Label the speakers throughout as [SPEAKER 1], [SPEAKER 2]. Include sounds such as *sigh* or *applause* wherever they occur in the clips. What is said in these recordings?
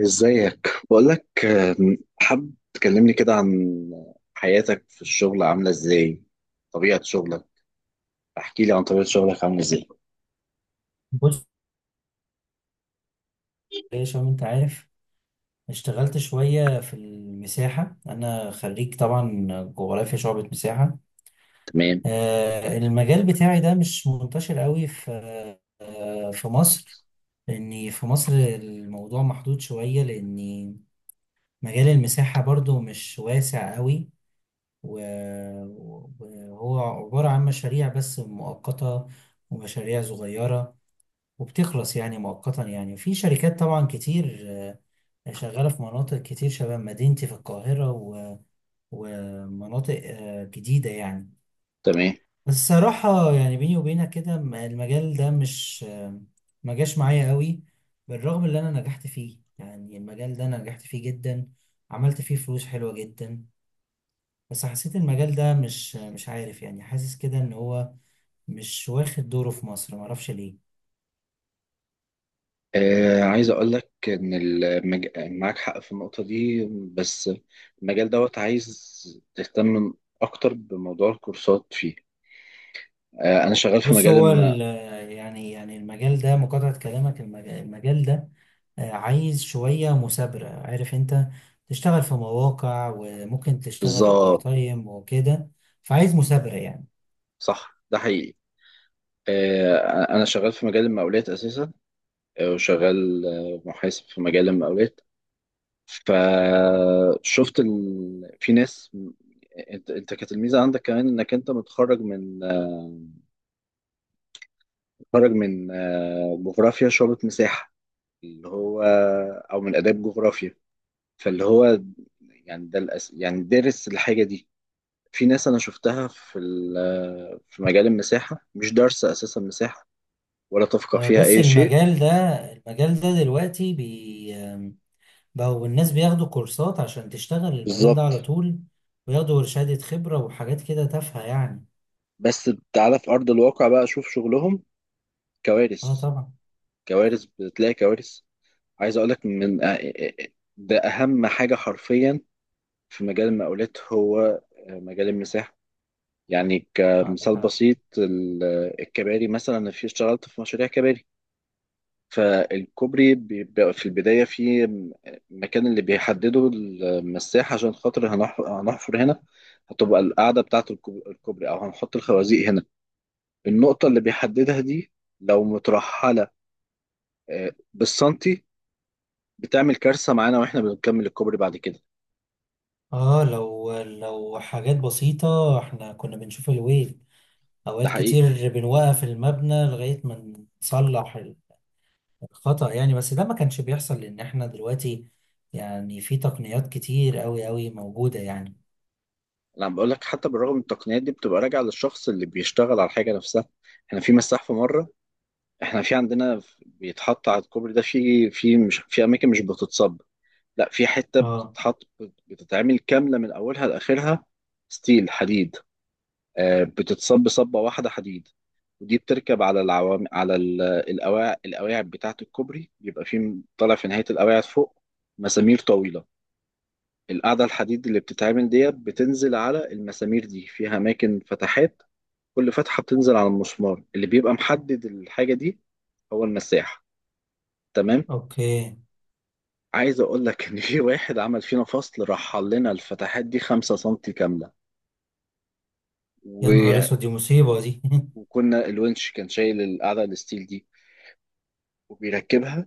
[SPEAKER 1] ازيك؟ بقولك، حابب تكلمني كده عن حياتك في الشغل عاملة ازاي. طبيعة شغلك. احكي لي عن طبيعة شغلك عاملة ازاي.
[SPEAKER 2] بص، يا شباب، انت عارف. اشتغلت شوية في المساحة. انا خريج طبعا جغرافيا شعبة مساحة.
[SPEAKER 1] تمام.
[SPEAKER 2] المجال بتاعي ده مش منتشر قوي في في مصر. لاني في مصر الموضوع محدود شوية، لاني مجال المساحة برضو مش واسع قوي. و- وهو عبارة عن مشاريع بس مؤقتة، ومشاريع صغيرة، وبتخلص يعني مؤقتا. يعني في شركات طبعا كتير شغالة في مناطق كتير شبه مدينتي في القاهرة ومناطق جديدة يعني.
[SPEAKER 1] تمام.
[SPEAKER 2] بس الصراحة، يعني بيني وبينك كده، المجال ده مش ما جاش معايا قوي. بالرغم اللي أنا نجحت فيه، يعني المجال ده أنا نجحت فيه جدا، عملت فيه فلوس حلوة جدا. بس حسيت المجال ده مش مش عارف، يعني حاسس كده إن هو مش واخد دوره في مصر، معرفش ليه.
[SPEAKER 1] آه، عايز اقولك ان المج... معاك حق في النقطة دي. بس المجال دوت عايز تهتم اكتر بموضوع الكورسات فيه. آه، انا شغال في
[SPEAKER 2] بص
[SPEAKER 1] مجال
[SPEAKER 2] هو
[SPEAKER 1] الم...
[SPEAKER 2] يعني المجال ده، مقاطعة كلامك، المجال ده عايز شوية مثابرة. عارف انت، تشتغل في مواقع وممكن تشتغل اوفر
[SPEAKER 1] بالظبط.
[SPEAKER 2] تايم وكده. فعايز مثابرة يعني.
[SPEAKER 1] صح، ده حقيقي. آه، انا شغال في مجال المقاولات اساسا. وشغال محاسب في مجال المقاولات. فشفت ال... في ناس، انت كانت الميزه عندك كمان انك انت متخرج من، متخرج من جغرافيا شعبة مساحه، اللي هو او من اداب جغرافيا، فاللي هو يعني ده الأس... يعني دارس الحاجه دي. في ناس انا شفتها في ال... آه، في مجال المساحه، مش دارسه اساسا مساحه، ولا تفقه فيها
[SPEAKER 2] بص،
[SPEAKER 1] اي شيء.
[SPEAKER 2] المجال ده دلوقتي بي آم، بقوا الناس بياخدوا كورسات عشان تشتغل المجال ده على
[SPEAKER 1] بالظبط.
[SPEAKER 2] طول، وياخدوا شهادة خبرة وحاجات كده تافهة يعني.
[SPEAKER 1] بس تعالى في ارض الواقع بقى، شوف شغلهم.
[SPEAKER 2] اه،
[SPEAKER 1] كوارث.
[SPEAKER 2] طبعا.
[SPEAKER 1] كوارث، بتلاقي كوارث. عايز اقول لك ده اهم حاجه حرفيا في مجال المقاولات، هو مجال المساحه. يعني
[SPEAKER 2] عندك
[SPEAKER 1] كمثال
[SPEAKER 2] حق.
[SPEAKER 1] بسيط الكباري مثلا، أنا في اشتغلت في مشاريع كباري. فالكوبري بيبقى في البدايه في المكان اللي بيحدده المساحه، عشان خاطر هنحفر هنا، هتبقى القاعده بتاعه الكوبري، او هنحط الخوازيق هنا. النقطه اللي بيحددها دي، لو مترحله بالسنتي، بتعمل كارثه معانا واحنا بنكمل الكوبري بعد كده.
[SPEAKER 2] اه، لو حاجات بسيطة احنا كنا بنشوف الويل.
[SPEAKER 1] ده
[SPEAKER 2] اوقات
[SPEAKER 1] حقيقي.
[SPEAKER 2] كتير بنوقف المبنى لغاية ما نصلح الخطأ يعني. بس ده ما كانش بيحصل، لان احنا دلوقتي يعني في تقنيات كتير قوي قوي موجودة يعني.
[SPEAKER 1] انا بقول لك، حتى بالرغم من التقنيات دي، بتبقى راجعه للشخص اللي بيشتغل على الحاجه نفسها. احنا في مساح في مره، احنا في عندنا بيتحط على الكوبري ده في مش في اماكن مش بتتصب، لا، في حته
[SPEAKER 2] اه.
[SPEAKER 1] بتتحط، بتتعمل كامله من اولها لاخرها، ستيل، حديد. بتتصب صبه واحده حديد، ودي بتركب على العوام على القواعد بتاعه الكوبري. بيبقى في طالع في نهايه القواعد فوق مسامير طويله. القاعدة الحديد اللي بتتعمل ديت بتنزل على المسامير دي، فيها أماكن فتحات، كل فتحة بتنزل على المسمار، اللي بيبقى محدد الحاجة دي هو المساح. تمام.
[SPEAKER 2] اوكي.
[SPEAKER 1] عايز أقول لك إن في واحد عمل فينا فصل، رحل لنا الفتحات دي 5 سنتي كاملة،
[SPEAKER 2] يا نهار
[SPEAKER 1] و-
[SPEAKER 2] اسود، دي مصيبة دي. *laughs*
[SPEAKER 1] وكنا الونش كان شايل القاعدة الستيل دي وبيركبها،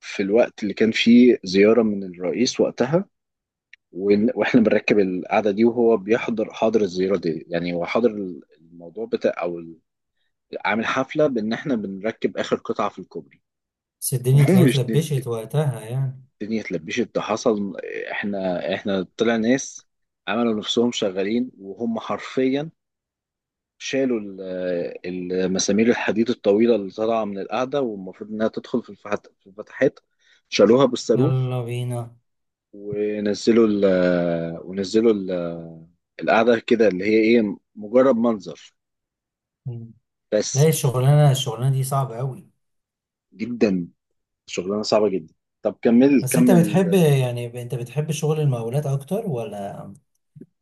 [SPEAKER 1] في الوقت اللي كان فيه زيارة من الرئيس وقتها. واحنا بنركب القعده دي، وهو بيحضر، حاضر الزياره دي، يعني هو حاضر الموضوع بتاع او عامل حفلة بإن إحنا بنركب آخر قطعة في الكوبري.
[SPEAKER 2] بس الدنيا
[SPEAKER 1] *laughs*
[SPEAKER 2] طلعت
[SPEAKER 1] ومش نزلت.
[SPEAKER 2] لبشت وقتها يعني.
[SPEAKER 1] الدنيا اتلبشت، ده حصل. إحنا طلع ناس عملوا نفسهم شغالين، وهم حرفيا شالوا المسامير الحديد الطويلة اللي طالعة من القاعدة، والمفروض إنها تدخل في الفتحات. شالوها بالصاروخ.
[SPEAKER 2] يلا بينا.
[SPEAKER 1] ونزلوا ال ونزلوا ال- القاعدة كده، اللي هي إيه، مجرد منظر.
[SPEAKER 2] مم. لا،
[SPEAKER 1] بس.
[SPEAKER 2] الشغلانة دي صعبة قوي.
[SPEAKER 1] جدا. شغلانة صعبة جدا. طب كمل،
[SPEAKER 2] بس انت
[SPEAKER 1] كمل.
[SPEAKER 2] بتحب، يعني انت بتحب شغل المقاولات اكتر، ولا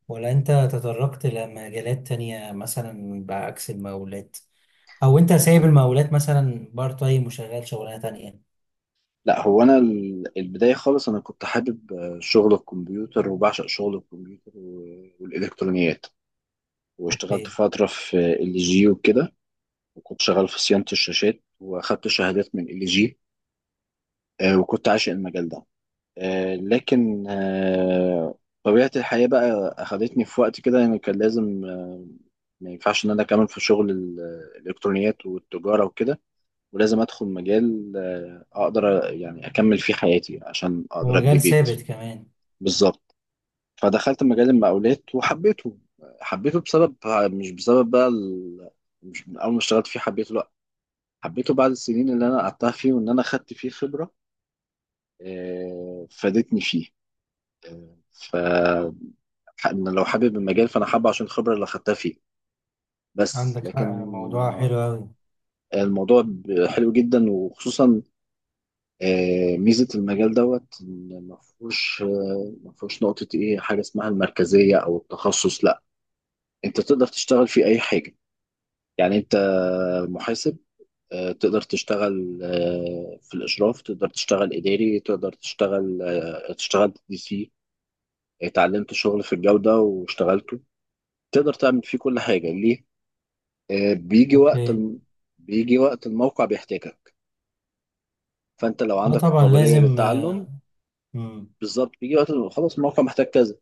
[SPEAKER 2] ولا انت تطرقت لمجالات تانية مثلا بعكس المقاولات، او انت سايب المقاولات مثلا بارت تايم وشغال شغلانه تانية يعني.
[SPEAKER 1] لا، هو انا البدايه خالص انا كنت حابب شغل الكمبيوتر، وبعشق شغل الكمبيوتر والالكترونيات، واشتغلت
[SPEAKER 2] اوكي.
[SPEAKER 1] فتره في LG وكده. وكنت شغال في صيانه الشاشات، واخدت شهادات من LG، وكنت عاشق المجال ده. لكن طبيعه الحياه بقى اخدتني في وقت كده، يعني كان لازم، ما ينفعش ان انا اكمل في شغل الالكترونيات والتجاره وكده، ولازم ادخل مجال، اقدر يعني اكمل فيه حياتي عشان اقدر ابني
[SPEAKER 2] ومجال
[SPEAKER 1] بيت.
[SPEAKER 2] ثابت كمان.
[SPEAKER 1] بالظبط. فدخلت مجال المقاولات وحبيته. حبيته بسبب، مش بسبب بقى ال... مش من اول ما اشتغلت فيه حبيته، لا، حبيته بعد السنين اللي انا قعدتها فيه، وان انا خدت فيه خبرة فادتني فيه. آه، ف أنا لو حابب المجال، فانا حابه عشان الخبرة اللي خدتها فيه، بس
[SPEAKER 2] عندك حق،
[SPEAKER 1] لكن،
[SPEAKER 2] موضوع
[SPEAKER 1] آه،
[SPEAKER 2] حلو قوي.
[SPEAKER 1] الموضوع حلو جدا، وخصوصا ميزة المجال دوت، إن ما فيهوش نقطة، إيه، حاجة اسمها المركزية أو التخصص، لا، أنت تقدر تشتغل في أي حاجة. يعني انت محاسب، تقدر تشتغل في الاشراف، تقدر تشتغل اداري، تقدر تشتغل DC، اتعلمت شغل في الجودة واشتغلته. تقدر تعمل فيه كل حاجة، ليه؟ بيجي وقت
[SPEAKER 2] اوكي.
[SPEAKER 1] الم... بيجي وقت الموقع بيحتاجك، فانت لو
[SPEAKER 2] اه،
[SPEAKER 1] عندك
[SPEAKER 2] طبعا
[SPEAKER 1] القابلية
[SPEAKER 2] لازم.
[SPEAKER 1] للتعلم.
[SPEAKER 2] مم.
[SPEAKER 1] بالظبط. بيجي وقت خلاص الموقع محتاج كذا.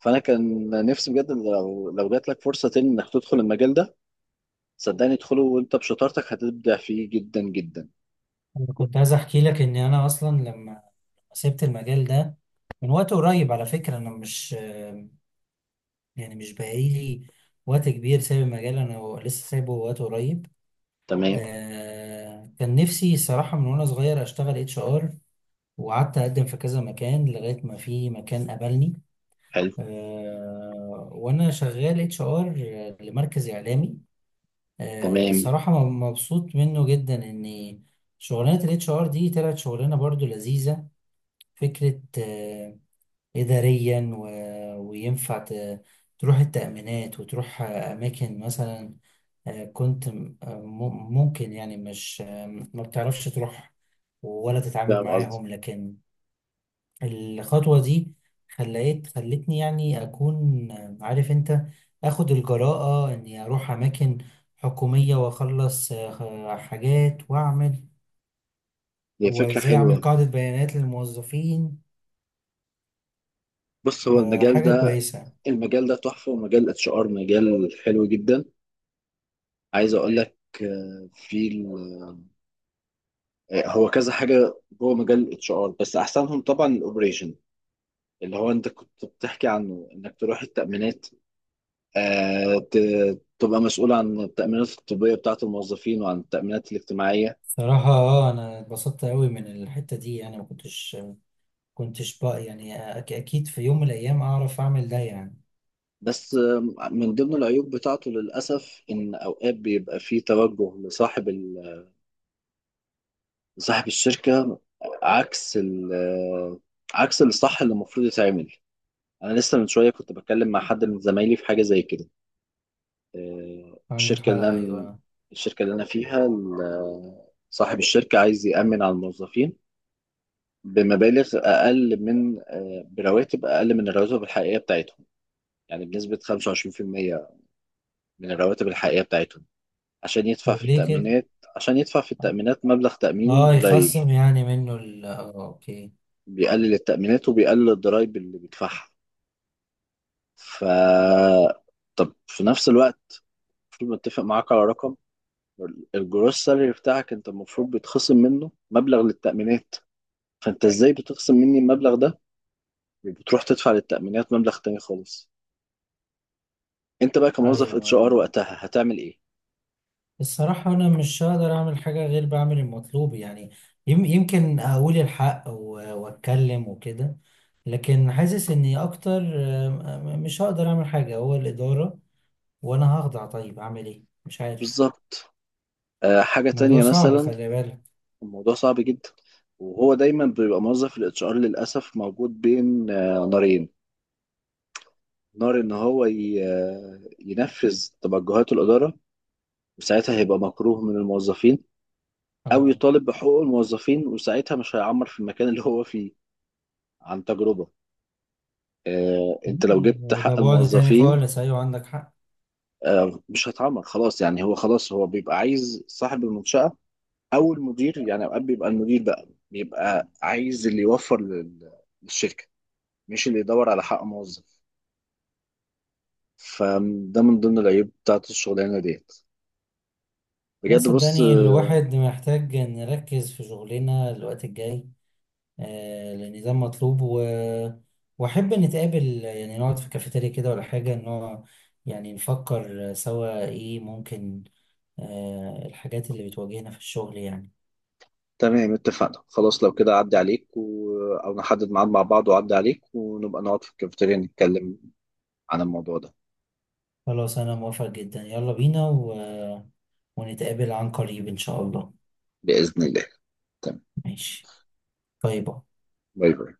[SPEAKER 1] فانا كان نفسي بجد إن لو جات لك فرصة تاني انك تدخل المجال ده، صدقني ادخله، وانت بشطارتك هتبدع فيه جدا جدا.
[SPEAKER 2] انا كنت عايز احكي لك، ان انا اصلا لما سبت المجال ده من وقت قريب. على فكره، انا مش يعني مش بقالي وقت كبير سايب المجال، انا لسه سايبه وقت قريب.
[SPEAKER 1] تمام.
[SPEAKER 2] كان نفسي الصراحه من وانا صغير اشتغل HR، وقعدت اقدم في كذا مكان لغايه ما في مكان قبلني.
[SPEAKER 1] حلو.
[SPEAKER 2] وانا شغال HR لمركز اعلامي.
[SPEAKER 1] تمام.
[SPEAKER 2] الصراحه مبسوط منه جدا، ان شغلانه الـHR دي طلعت شغلانه برضو لذيذه، فكره اداريا وينفع تروح التامينات وتروح اماكن مثلا. كنت ممكن، يعني مش ما بتعرفش تروح ولا تتعامل
[SPEAKER 1] فاهم قصدي.
[SPEAKER 2] معاهم، لكن الخطوة دي خلتني يعني أكون، عارف أنت، أخد الجراءة إني أروح أماكن حكومية وأخلص حاجات، وأعمل
[SPEAKER 1] هي فكرة
[SPEAKER 2] وإزاي أعمل
[SPEAKER 1] حلوة.
[SPEAKER 2] قاعدة بيانات للموظفين.
[SPEAKER 1] بص، هو المجال
[SPEAKER 2] فحاجة
[SPEAKER 1] ده،
[SPEAKER 2] كويسة.
[SPEAKER 1] المجال ده تحفة، ومجال HR مجال حلو جدا. عايز اقول لك، آه، في ال- آه، هو كذا حاجة جوه مجال HR، بس احسنهم طبعا الاوبريشن، اللي هو انت كنت بتحكي عنه، انك تروح التأمينات، تبقى مسؤول عن التأمينات الطبية بتاعة الموظفين، وعن التأمينات الاجتماعية.
[SPEAKER 2] صراحة أنا اتبسطت أوي من الحتة دي، يعني ما كنتش بقى، يعني أكيد في يوم من الأيام أعرف أعمل ده يعني.
[SPEAKER 1] بس من ضمن العيوب بتاعته للأسف، إن أوقات بيبقى فيه توجه لصاحب الشركة، عكس ال عكس الصح اللي المفروض يتعمل. أنا لسه من شوية كنت بتكلم مع حد من زمايلي في حاجة زي كده. آه،
[SPEAKER 2] عندك
[SPEAKER 1] الشركة
[SPEAKER 2] حق،
[SPEAKER 1] اللي أنا
[SPEAKER 2] أيوه.
[SPEAKER 1] الشركة اللي أنا فيها صاحب الشركة عايز يأمن على الموظفين بمبالغ أقل من آه، برواتب أقل من الرواتب الحقيقية بتاعتهم، يعني بنسبة 25% من الرواتب الحقيقية بتاعتهم، عشان يدفع
[SPEAKER 2] طب
[SPEAKER 1] في
[SPEAKER 2] ليه كده؟
[SPEAKER 1] التأمينات، عشان يدفع في
[SPEAKER 2] آه،
[SPEAKER 1] التأمينات مبلغ تأميني
[SPEAKER 2] آه،
[SPEAKER 1] قليل،
[SPEAKER 2] يخصم يعني منه ال، آه، أوكي.
[SPEAKER 1] بيقلل التأمينات وبيقلل الضرايب اللي بيدفعها. ف طب في نفس الوقت المفروض متفق معاك على رقم، الجروس سالري بتاعك انت المفروض بيتخصم منه مبلغ للتأمينات. فانت ازاي بتخصم مني المبلغ ده، وبتروح تدفع للتأمينات مبلغ تاني خالص؟ انت بقى كموظف HR
[SPEAKER 2] أيوه،
[SPEAKER 1] وقتها هتعمل ايه؟
[SPEAKER 2] الصراحة أنا مش هقدر أعمل حاجة غير بعمل المطلوب يعني. يمكن أقول الحق وأتكلم وكده. لكن حاسس إني أكتر آم، آم، مش هقدر أعمل حاجة، هو الإدارة وأنا هخضع. طيب أعمل إيه؟ مش عارف.
[SPEAKER 1] بالظبط. حاجة
[SPEAKER 2] الموضوع
[SPEAKER 1] تانية
[SPEAKER 2] صعب،
[SPEAKER 1] مثلا،
[SPEAKER 2] خلي بالك.
[SPEAKER 1] الموضوع صعب جدا. وهو دايما بيبقى موظف الHR للأسف موجود بين نارين، نار ان هو ينفذ توجهات الإدارة وساعتها هيبقى مكروه من الموظفين، أو
[SPEAKER 2] آه،
[SPEAKER 1] يطالب بحقوق الموظفين وساعتها مش هيعمر في المكان اللي هو فيه. عن تجربة. أنت لو جبت
[SPEAKER 2] ده
[SPEAKER 1] حق
[SPEAKER 2] بعد تاني
[SPEAKER 1] الموظفين
[SPEAKER 2] خالص، أيوة عندك حق.
[SPEAKER 1] مش هتعمر خلاص، يعني هو خلاص هو بيبقى عايز صاحب المنشأة، أو المدير، يعني أوقات بيبقى المدير بقى بيبقى عايز اللي يوفر للشركة، مش اللي يدور على حق موظف. فده من ضمن العيوب بتاعت الشغلانة ديت.
[SPEAKER 2] لا،
[SPEAKER 1] بجد. بص،
[SPEAKER 2] صدقني الواحد محتاج نركز في شغلنا الوقت الجاي. النظام مطلوب، واحب نتقابل يعني نقعد في كافيتيريا كده ولا حاجه، ان هو يعني نفكر سوا ايه ممكن. الحاجات اللي بتواجهنا في الشغل يعني.
[SPEAKER 1] تمام اتفقنا، خلاص لو كده أعدي عليك، أو نحدد ميعاد مع بعض وأعدي عليك، ونبقى نقعد في الكافيتيريا نتكلم عن الموضوع ده.
[SPEAKER 2] خلاص، انا موافق جدا. يلا بينا، ونتقابل عن قريب ان شاء الله.
[SPEAKER 1] بإذن الله. تمام.
[SPEAKER 2] ماشي. باي باي.
[SPEAKER 1] باي باي.